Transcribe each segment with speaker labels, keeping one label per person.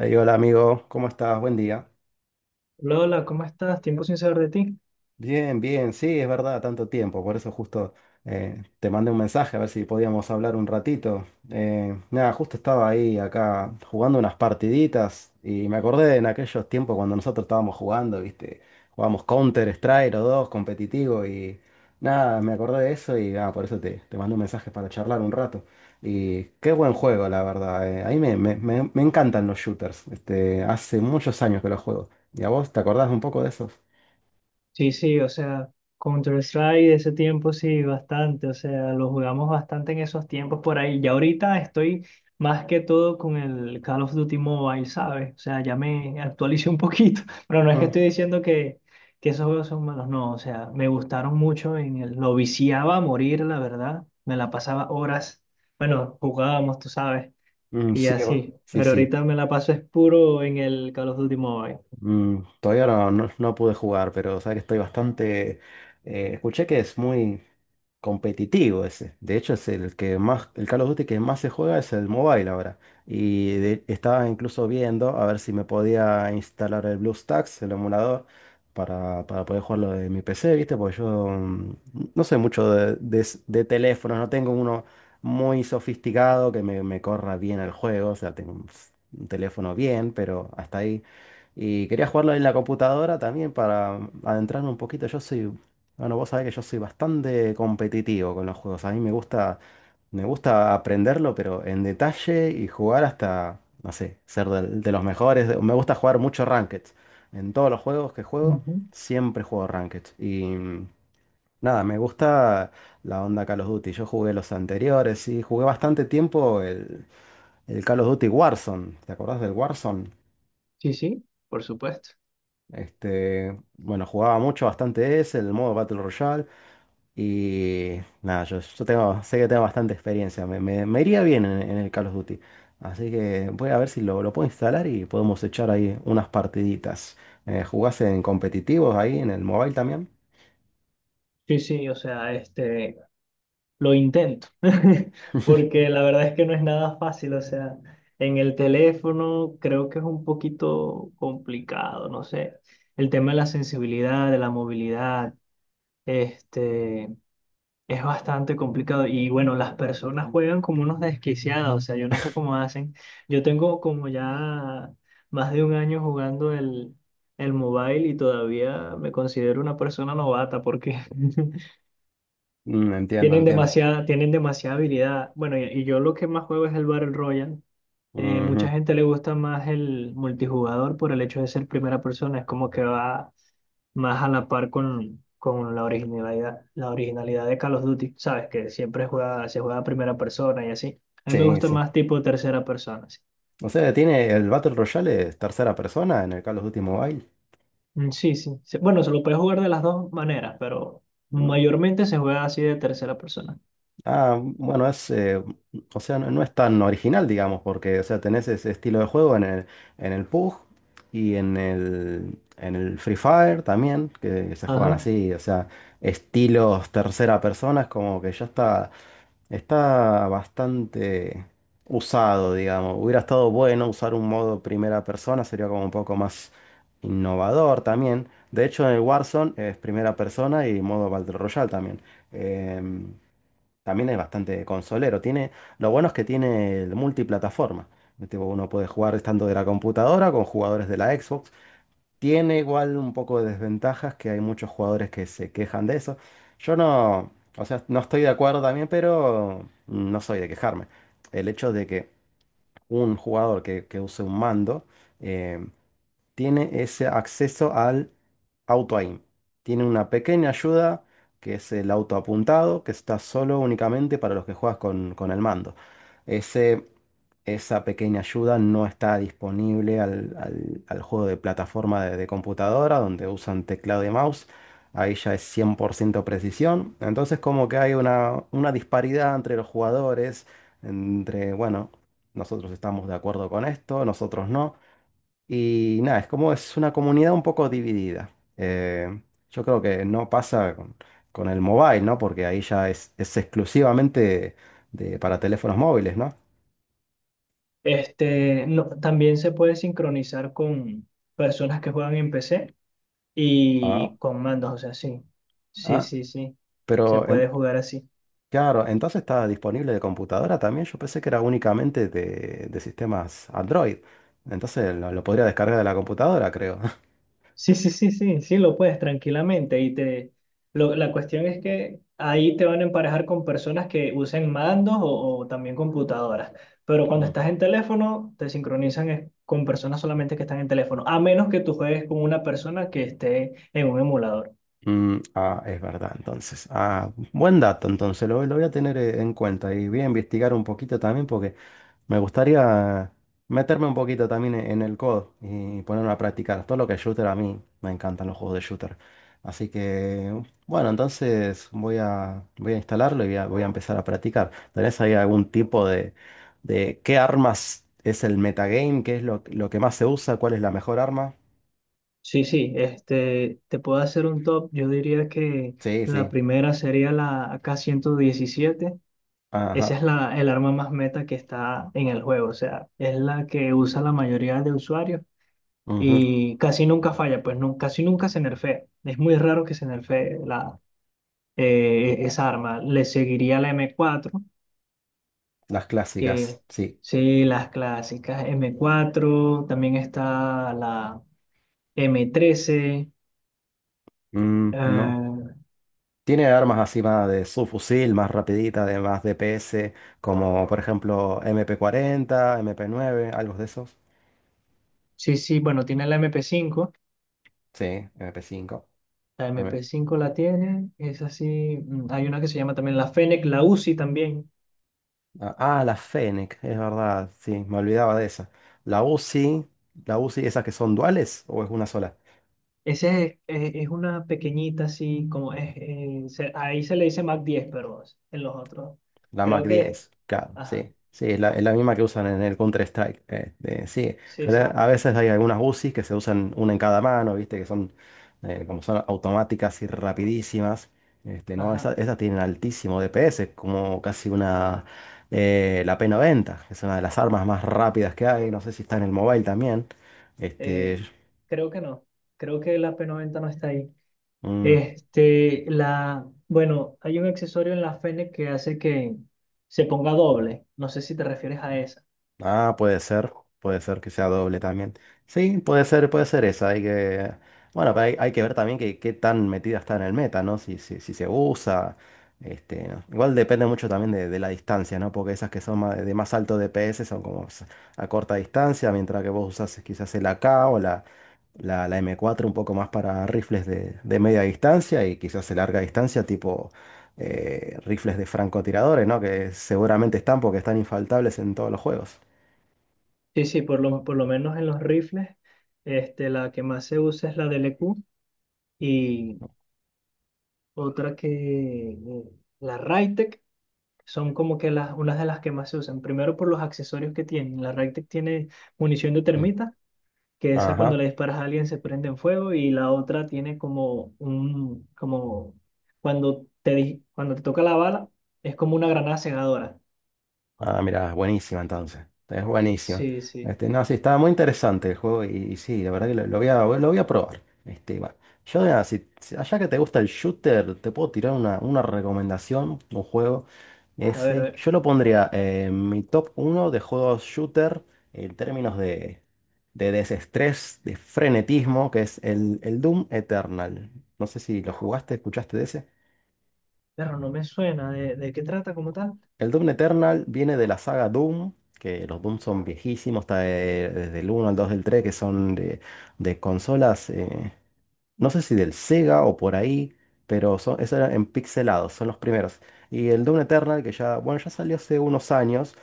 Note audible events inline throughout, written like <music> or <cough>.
Speaker 1: Ey, hola amigo, ¿cómo estás? Buen día.
Speaker 2: Lola, ¿cómo estás? Tiempo sin saber de ti.
Speaker 1: Bien, bien, sí, es verdad, tanto tiempo, por eso justo te mandé un mensaje a ver si podíamos hablar un ratito. Nada, justo estaba ahí acá jugando unas partiditas y me acordé de en aquellos tiempos cuando nosotros estábamos jugando, ¿viste? Jugábamos Counter Strike o dos, competitivo y nada, me acordé de eso y ah, por eso te mandé un mensaje para charlar un rato. Y qué buen juego, la verdad. A mí me encantan los shooters, este, hace muchos años que los juego. ¿Y a vos te acordás un poco de esos?
Speaker 2: Sí, sí, o sea, Counter-Strike de ese tiempo sí, bastante, o sea, lo jugamos bastante en esos tiempos por ahí. Y ahorita estoy más que todo con el Call of Duty Mobile, ¿sabes? O sea, ya me actualicé un poquito, <laughs> pero no es que estoy diciendo que esos juegos son malos, no, o sea, me gustaron mucho, lo viciaba a morir, la verdad, me la pasaba horas, bueno, jugábamos, tú sabes,
Speaker 1: Mm,
Speaker 2: y
Speaker 1: sí, va.
Speaker 2: así,
Speaker 1: Sí,
Speaker 2: pero
Speaker 1: sí.
Speaker 2: ahorita me la paso es puro en el Call of Duty Mobile.
Speaker 1: Mm, todavía no pude jugar, pero sabes que estoy bastante... Escuché que es muy competitivo ese. De hecho, es el que más, el Call of Duty que más se juega es el mobile ahora. Y de- estaba incluso viendo a ver si me podía instalar el BlueStacks, el emulador, para poder jugarlo de mi PC, ¿viste? Porque yo no sé mucho de teléfonos, no tengo uno muy sofisticado que me corra bien el juego. O sea, tengo un un teléfono bien, pero hasta ahí. Y quería jugarlo en la computadora también para adentrarme un poquito. Yo soy, bueno, vos sabés que yo soy bastante competitivo con los juegos. A mí me gusta aprenderlo, pero en detalle y jugar hasta, no sé, ser los mejores. Me gusta jugar mucho Ranked. En todos los juegos que juego,
Speaker 2: Ujú.
Speaker 1: siempre juego Ranked. Y nada, me gusta la onda Call of Duty. Yo jugué los anteriores y jugué bastante tiempo el Call of Duty Warzone. ¿Te acordás del Warzone?
Speaker 2: Sí, sí, por supuesto.
Speaker 1: Este, bueno, jugaba mucho, bastante ese, el modo Battle Royale. Y nada, yo tengo, sé que tengo bastante experiencia. Me iría bien en el Call of Duty. Así que voy a ver si lo puedo instalar y podemos echar ahí unas partiditas. ¿Jugás en competitivos ahí en el mobile también?
Speaker 2: Sí, sí, o sea, lo intento, <laughs> porque la verdad es que no es nada fácil, o sea, en el teléfono creo que es un poquito complicado, no sé, el tema de la sensibilidad, de la movilidad, este, es bastante complicado y bueno, las personas juegan como unos desquiciados, o sea, yo no sé cómo hacen. Yo tengo como ya más de un año jugando el mobile y todavía me considero una persona novata porque <laughs>
Speaker 1: Mm, entiendo, entiendo.
Speaker 2: tienen demasiada habilidad. Bueno, y yo lo que más juego es el Battle Royale.
Speaker 1: Ujú.
Speaker 2: Mucha gente le gusta más el multijugador por el hecho de ser primera persona, es como que va más a la par con la originalidad de Call of Duty, ¿sabes? Que siempre juega, se juega a primera persona y así. A mí me
Speaker 1: Sí,
Speaker 2: gusta
Speaker 1: sí.
Speaker 2: más tipo tercera persona, sí.
Speaker 1: O sea, tiene el Battle Royale es tercera persona en el Call of Duty Mobile.
Speaker 2: Mm, sí, sí, sí. Bueno, se lo puede jugar de las dos maneras, pero
Speaker 1: Mm.
Speaker 2: mayormente se juega así de tercera persona.
Speaker 1: Ah, bueno, es, o sea, no, no es tan original, digamos, porque, o sea, tenés ese estilo de juego en el PUBG y en el Free Fire también, que se juegan
Speaker 2: Ajá.
Speaker 1: así, o sea, estilos tercera persona, es como que ya está, está bastante usado, digamos. Hubiera estado bueno usar un modo primera persona, sería como un poco más innovador también. De hecho, en el Warzone es primera persona y modo Battle Royale también. Em, También es bastante consolero. Tiene, lo bueno es que tiene el multiplataforma. Tipo, uno puede jugar tanto de la computadora con jugadores de la Xbox. Tiene igual un poco de desventajas que hay muchos jugadores que se quejan de eso. Yo no, o sea, no estoy de acuerdo también, pero no soy de quejarme. El hecho de que un jugador que use un mando eh, tiene ese acceso al auto aim. Tiene una pequeña ayuda que es el auto apuntado, que está solo únicamente para los que juegas con el mando. Ese, Esa pequeña ayuda no está disponible al juego de plataforma de computadora, donde usan teclado y mouse. Ahí ya es 100% precisión. Entonces como que hay una disparidad entre los jugadores, entre, bueno, nosotros estamos de acuerdo con esto, nosotros no. Y nada, es como es una comunidad un poco dividida. Eh, yo creo que no pasa con el mobile, ¿no? Porque ahí ya es exclusivamente de, para teléfonos móviles, ¿no?
Speaker 2: Este, no, también se puede sincronizar con personas que juegan en PC
Speaker 1: Ah,
Speaker 2: y con mandos, o sea, sí. Sí,
Speaker 1: ah,
Speaker 2: sí, sí. Se
Speaker 1: pero
Speaker 2: puede jugar así.
Speaker 1: claro, entonces está disponible de computadora también. Yo pensé que era únicamente de sistemas Android. Entonces lo podría descargar de la computadora, creo. <laughs>
Speaker 2: Sí, sí, sí, sí, sí, lo puedes tranquilamente y te lo- la cuestión es que ahí te van a emparejar con personas que usen mandos o también computadoras, pero cuando
Speaker 1: Ujú.
Speaker 2: estás en teléfono te sincronizan es con personas solamente que están en teléfono, a menos que tú juegues con una persona que esté en un emulador.
Speaker 1: Mm, ah, es verdad, entonces. Ah, buen dato, entonces lo voy a tener en cuenta y voy a investigar un poquito también porque... Me gustaría meterme un poquito también en el codo y ponerme a practicar. Todo lo que es shooter, a mí me encantan los juegos de shooter. Así que, bueno, entonces voy a instalarlo y voy a empezar a practicar. ¿Tenés ahí algún tipo de qué armas es el metagame? ¿Qué es lo que más se usa? ¿Cuál es la mejor arma?
Speaker 2: Sí, sí, te puedo hacer un top, yo diría que
Speaker 1: Sí,
Speaker 2: la
Speaker 1: sí.
Speaker 2: primera sería la AK-117. Esa
Speaker 1: Ajá.
Speaker 2: es la, el arma más meta que está en el juego, o sea, es la que usa la mayoría de usuarios
Speaker 1: Ujú.
Speaker 2: y casi nunca falla, pues no, casi nunca se nerfea. Es muy raro que se nerfee la, esa arma. Le seguiría la M4,
Speaker 1: Las
Speaker 2: que
Speaker 1: clásicas, sí.
Speaker 2: sí, las clásicas M4. También está la M13.
Speaker 1: Mm, no.
Speaker 2: Eh,
Speaker 1: Tiene armas así más de subfusil, más rapidita, de más DPS, como por ejemplo MP40, MP9, algo de esos.
Speaker 2: sí, sí, bueno, tiene la MP5.
Speaker 1: Sí, MP5.
Speaker 2: La
Speaker 1: M.
Speaker 2: mp cinco la tiene, es así. Hay una que se llama también la Fennec, la Uzi también.
Speaker 1: Ah, ah, la Fennec, es verdad, sí, me olvidaba de esa. La Uzi, la Uzi, ¿esas que son duales o es una sola?
Speaker 2: Ese es una pequeñita así, como es, se- ahí se le dice Mac-10, pero en los otros.
Speaker 1: La Mac
Speaker 2: Creo que,
Speaker 1: 10, claro,
Speaker 2: ajá,
Speaker 1: sí. Sí, es la misma que usan en el Counter-Strike. Sí,
Speaker 2: sí,
Speaker 1: pero
Speaker 2: sí,
Speaker 1: a veces hay algunas UCIs que se usan una en cada mano, viste, que son como son automáticas y rapidísimas. Este, no,
Speaker 2: ajá.
Speaker 1: esas, tienen altísimo DPS, como casi una, la P90, que es una de las armas más rápidas que hay. No sé si está en el mobile también. Este,
Speaker 2: eh, creo que no, creo que la P90 no está ahí.
Speaker 1: mm.
Speaker 2: Este, la, bueno, hay un accesorio en la Fene que hace que se ponga doble. No sé si te refieres a esa.
Speaker 1: Ah, puede ser que sea doble también. Sí, puede ser esa. Hay que, bueno, pero hay que ver también que, qué tan metida está en el meta, ¿no? Si se usa, este, ¿no? Igual depende mucho también de la distancia, ¿no? Porque esas que son de más alto DPS son como a corta distancia, mientras que vos usas quizás el AK o la M4 un poco más para rifles de media distancia y quizás de larga distancia, tipo rifles de francotiradores, ¿no? Que seguramente están porque están infaltables en todos los juegos.
Speaker 2: Sí, sí, por lo menos en los rifles, la que más se usa es la DLQ, y otra que, la Raytec. Son como que las, unas de las que más se usan. Primero por los accesorios que tienen. La Ragtec tiene munición de
Speaker 1: Mm.
Speaker 2: termita, que esa cuando
Speaker 1: Ajá.
Speaker 2: le disparas a alguien se prende en fuego, y la otra tiene como un, como cuando te, di- cuando te toca la bala, es como una granada cegadora.
Speaker 1: Ah, mira, buenísima entonces. Es buenísima.
Speaker 2: Sí, sí.
Speaker 1: Este, no, sí, estaba muy interesante el juego y sí, la verdad que lo voy a probar. Este, va. Yo, mira, allá que te gusta el shooter, te puedo tirar una recomendación, un juego.
Speaker 2: A ver, a
Speaker 1: Ese,
Speaker 2: ver.
Speaker 1: yo lo pondría en mi top uno de juegos shooter en términos de desestrés, de frenetismo, que es el Doom Eternal. No sé si lo jugaste, escuchaste de ese.
Speaker 2: Pero no me suena. De qué trata como tal?
Speaker 1: El Doom Eternal viene de la saga Doom, que los Doom son viejísimos, está desde el uno al 2, del 3, que son de consolas, no sé si del Sega o por ahí, pero son, eso era en pixelados, son los primeros. Y el Doom Eternal, que ya, bueno, ya salió hace unos años,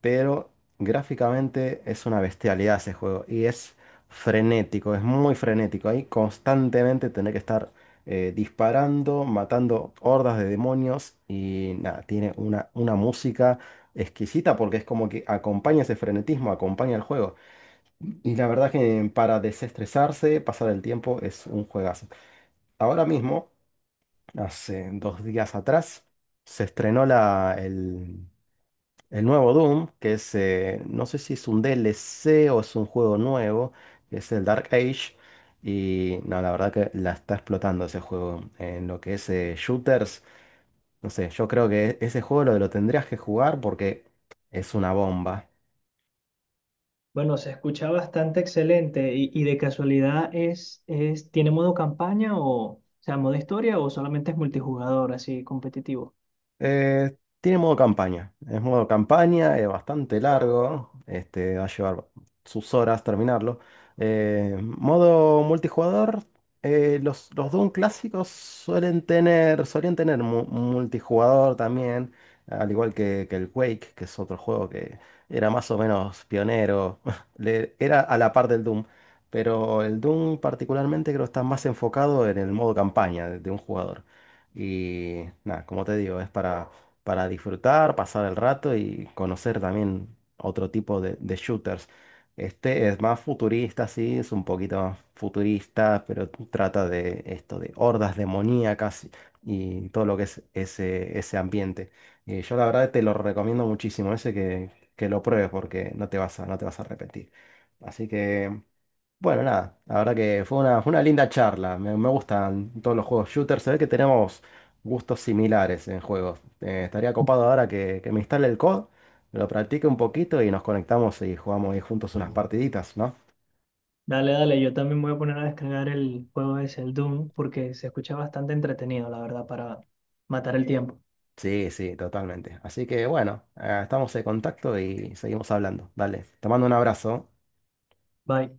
Speaker 1: pero gráficamente es una bestialidad ese juego y es frenético, es muy frenético. Ahí constantemente tener que estar disparando, matando hordas de demonios y nada, tiene una música exquisita porque es como que acompaña ese frenetismo, acompaña el juego. Y la verdad que para desestresarse, pasar el tiempo es un juegazo. Ahora mismo, hace dos días atrás, se estrenó la, el nuevo Doom, que es, no sé si es un DLC o es un juego nuevo, que es el Dark Age. Y no, la verdad que la está explotando ese juego en lo que es shooters. No sé, yo creo que ese juego lo tendrías que jugar porque es una bomba.
Speaker 2: Bueno, se escucha bastante excelente y de casualidad es, ¿tiene modo campaña o sea, modo historia o solamente es multijugador así competitivo?
Speaker 1: Eh, Tiene modo campaña. Es modo campaña, es bastante largo. Este, va a llevar sus horas terminarlo. Modo multijugador. Los Doom clásicos suelen tener, solían tener multijugador también. Al igual que el Quake, que es otro juego que era más o menos pionero. <laughs> Era a la par del Doom. Pero el Doom particularmente creo que está más enfocado en el modo campaña de un jugador. Y nada, como te digo, es para disfrutar, pasar el rato y conocer también otro tipo de shooters. Este es más futurista, sí, es un poquito más futurista, pero trata de esto, de hordas demoníacas y todo lo que es ese ambiente. Yo la verdad te lo recomiendo muchísimo, ese que lo pruebes porque no te vas a arrepentir. Así que... Bueno, nada, la verdad que fue una linda charla. Me gustan todos los juegos shooters. Se ve que tenemos gustos similares en juegos. Estaría copado ahora que me instale el COD, lo practique un poquito y nos conectamos y jugamos ahí juntos unas partiditas, ¿no?
Speaker 2: Dale, dale, yo también me voy a poner a descargar el juego ese, el Doom, porque se escucha bastante entretenido, la verdad, para matar el tiempo.
Speaker 1: Sí, sí, totalmente. Así que bueno, estamos en contacto y seguimos hablando. Dale, te mando un abrazo.
Speaker 2: Bye.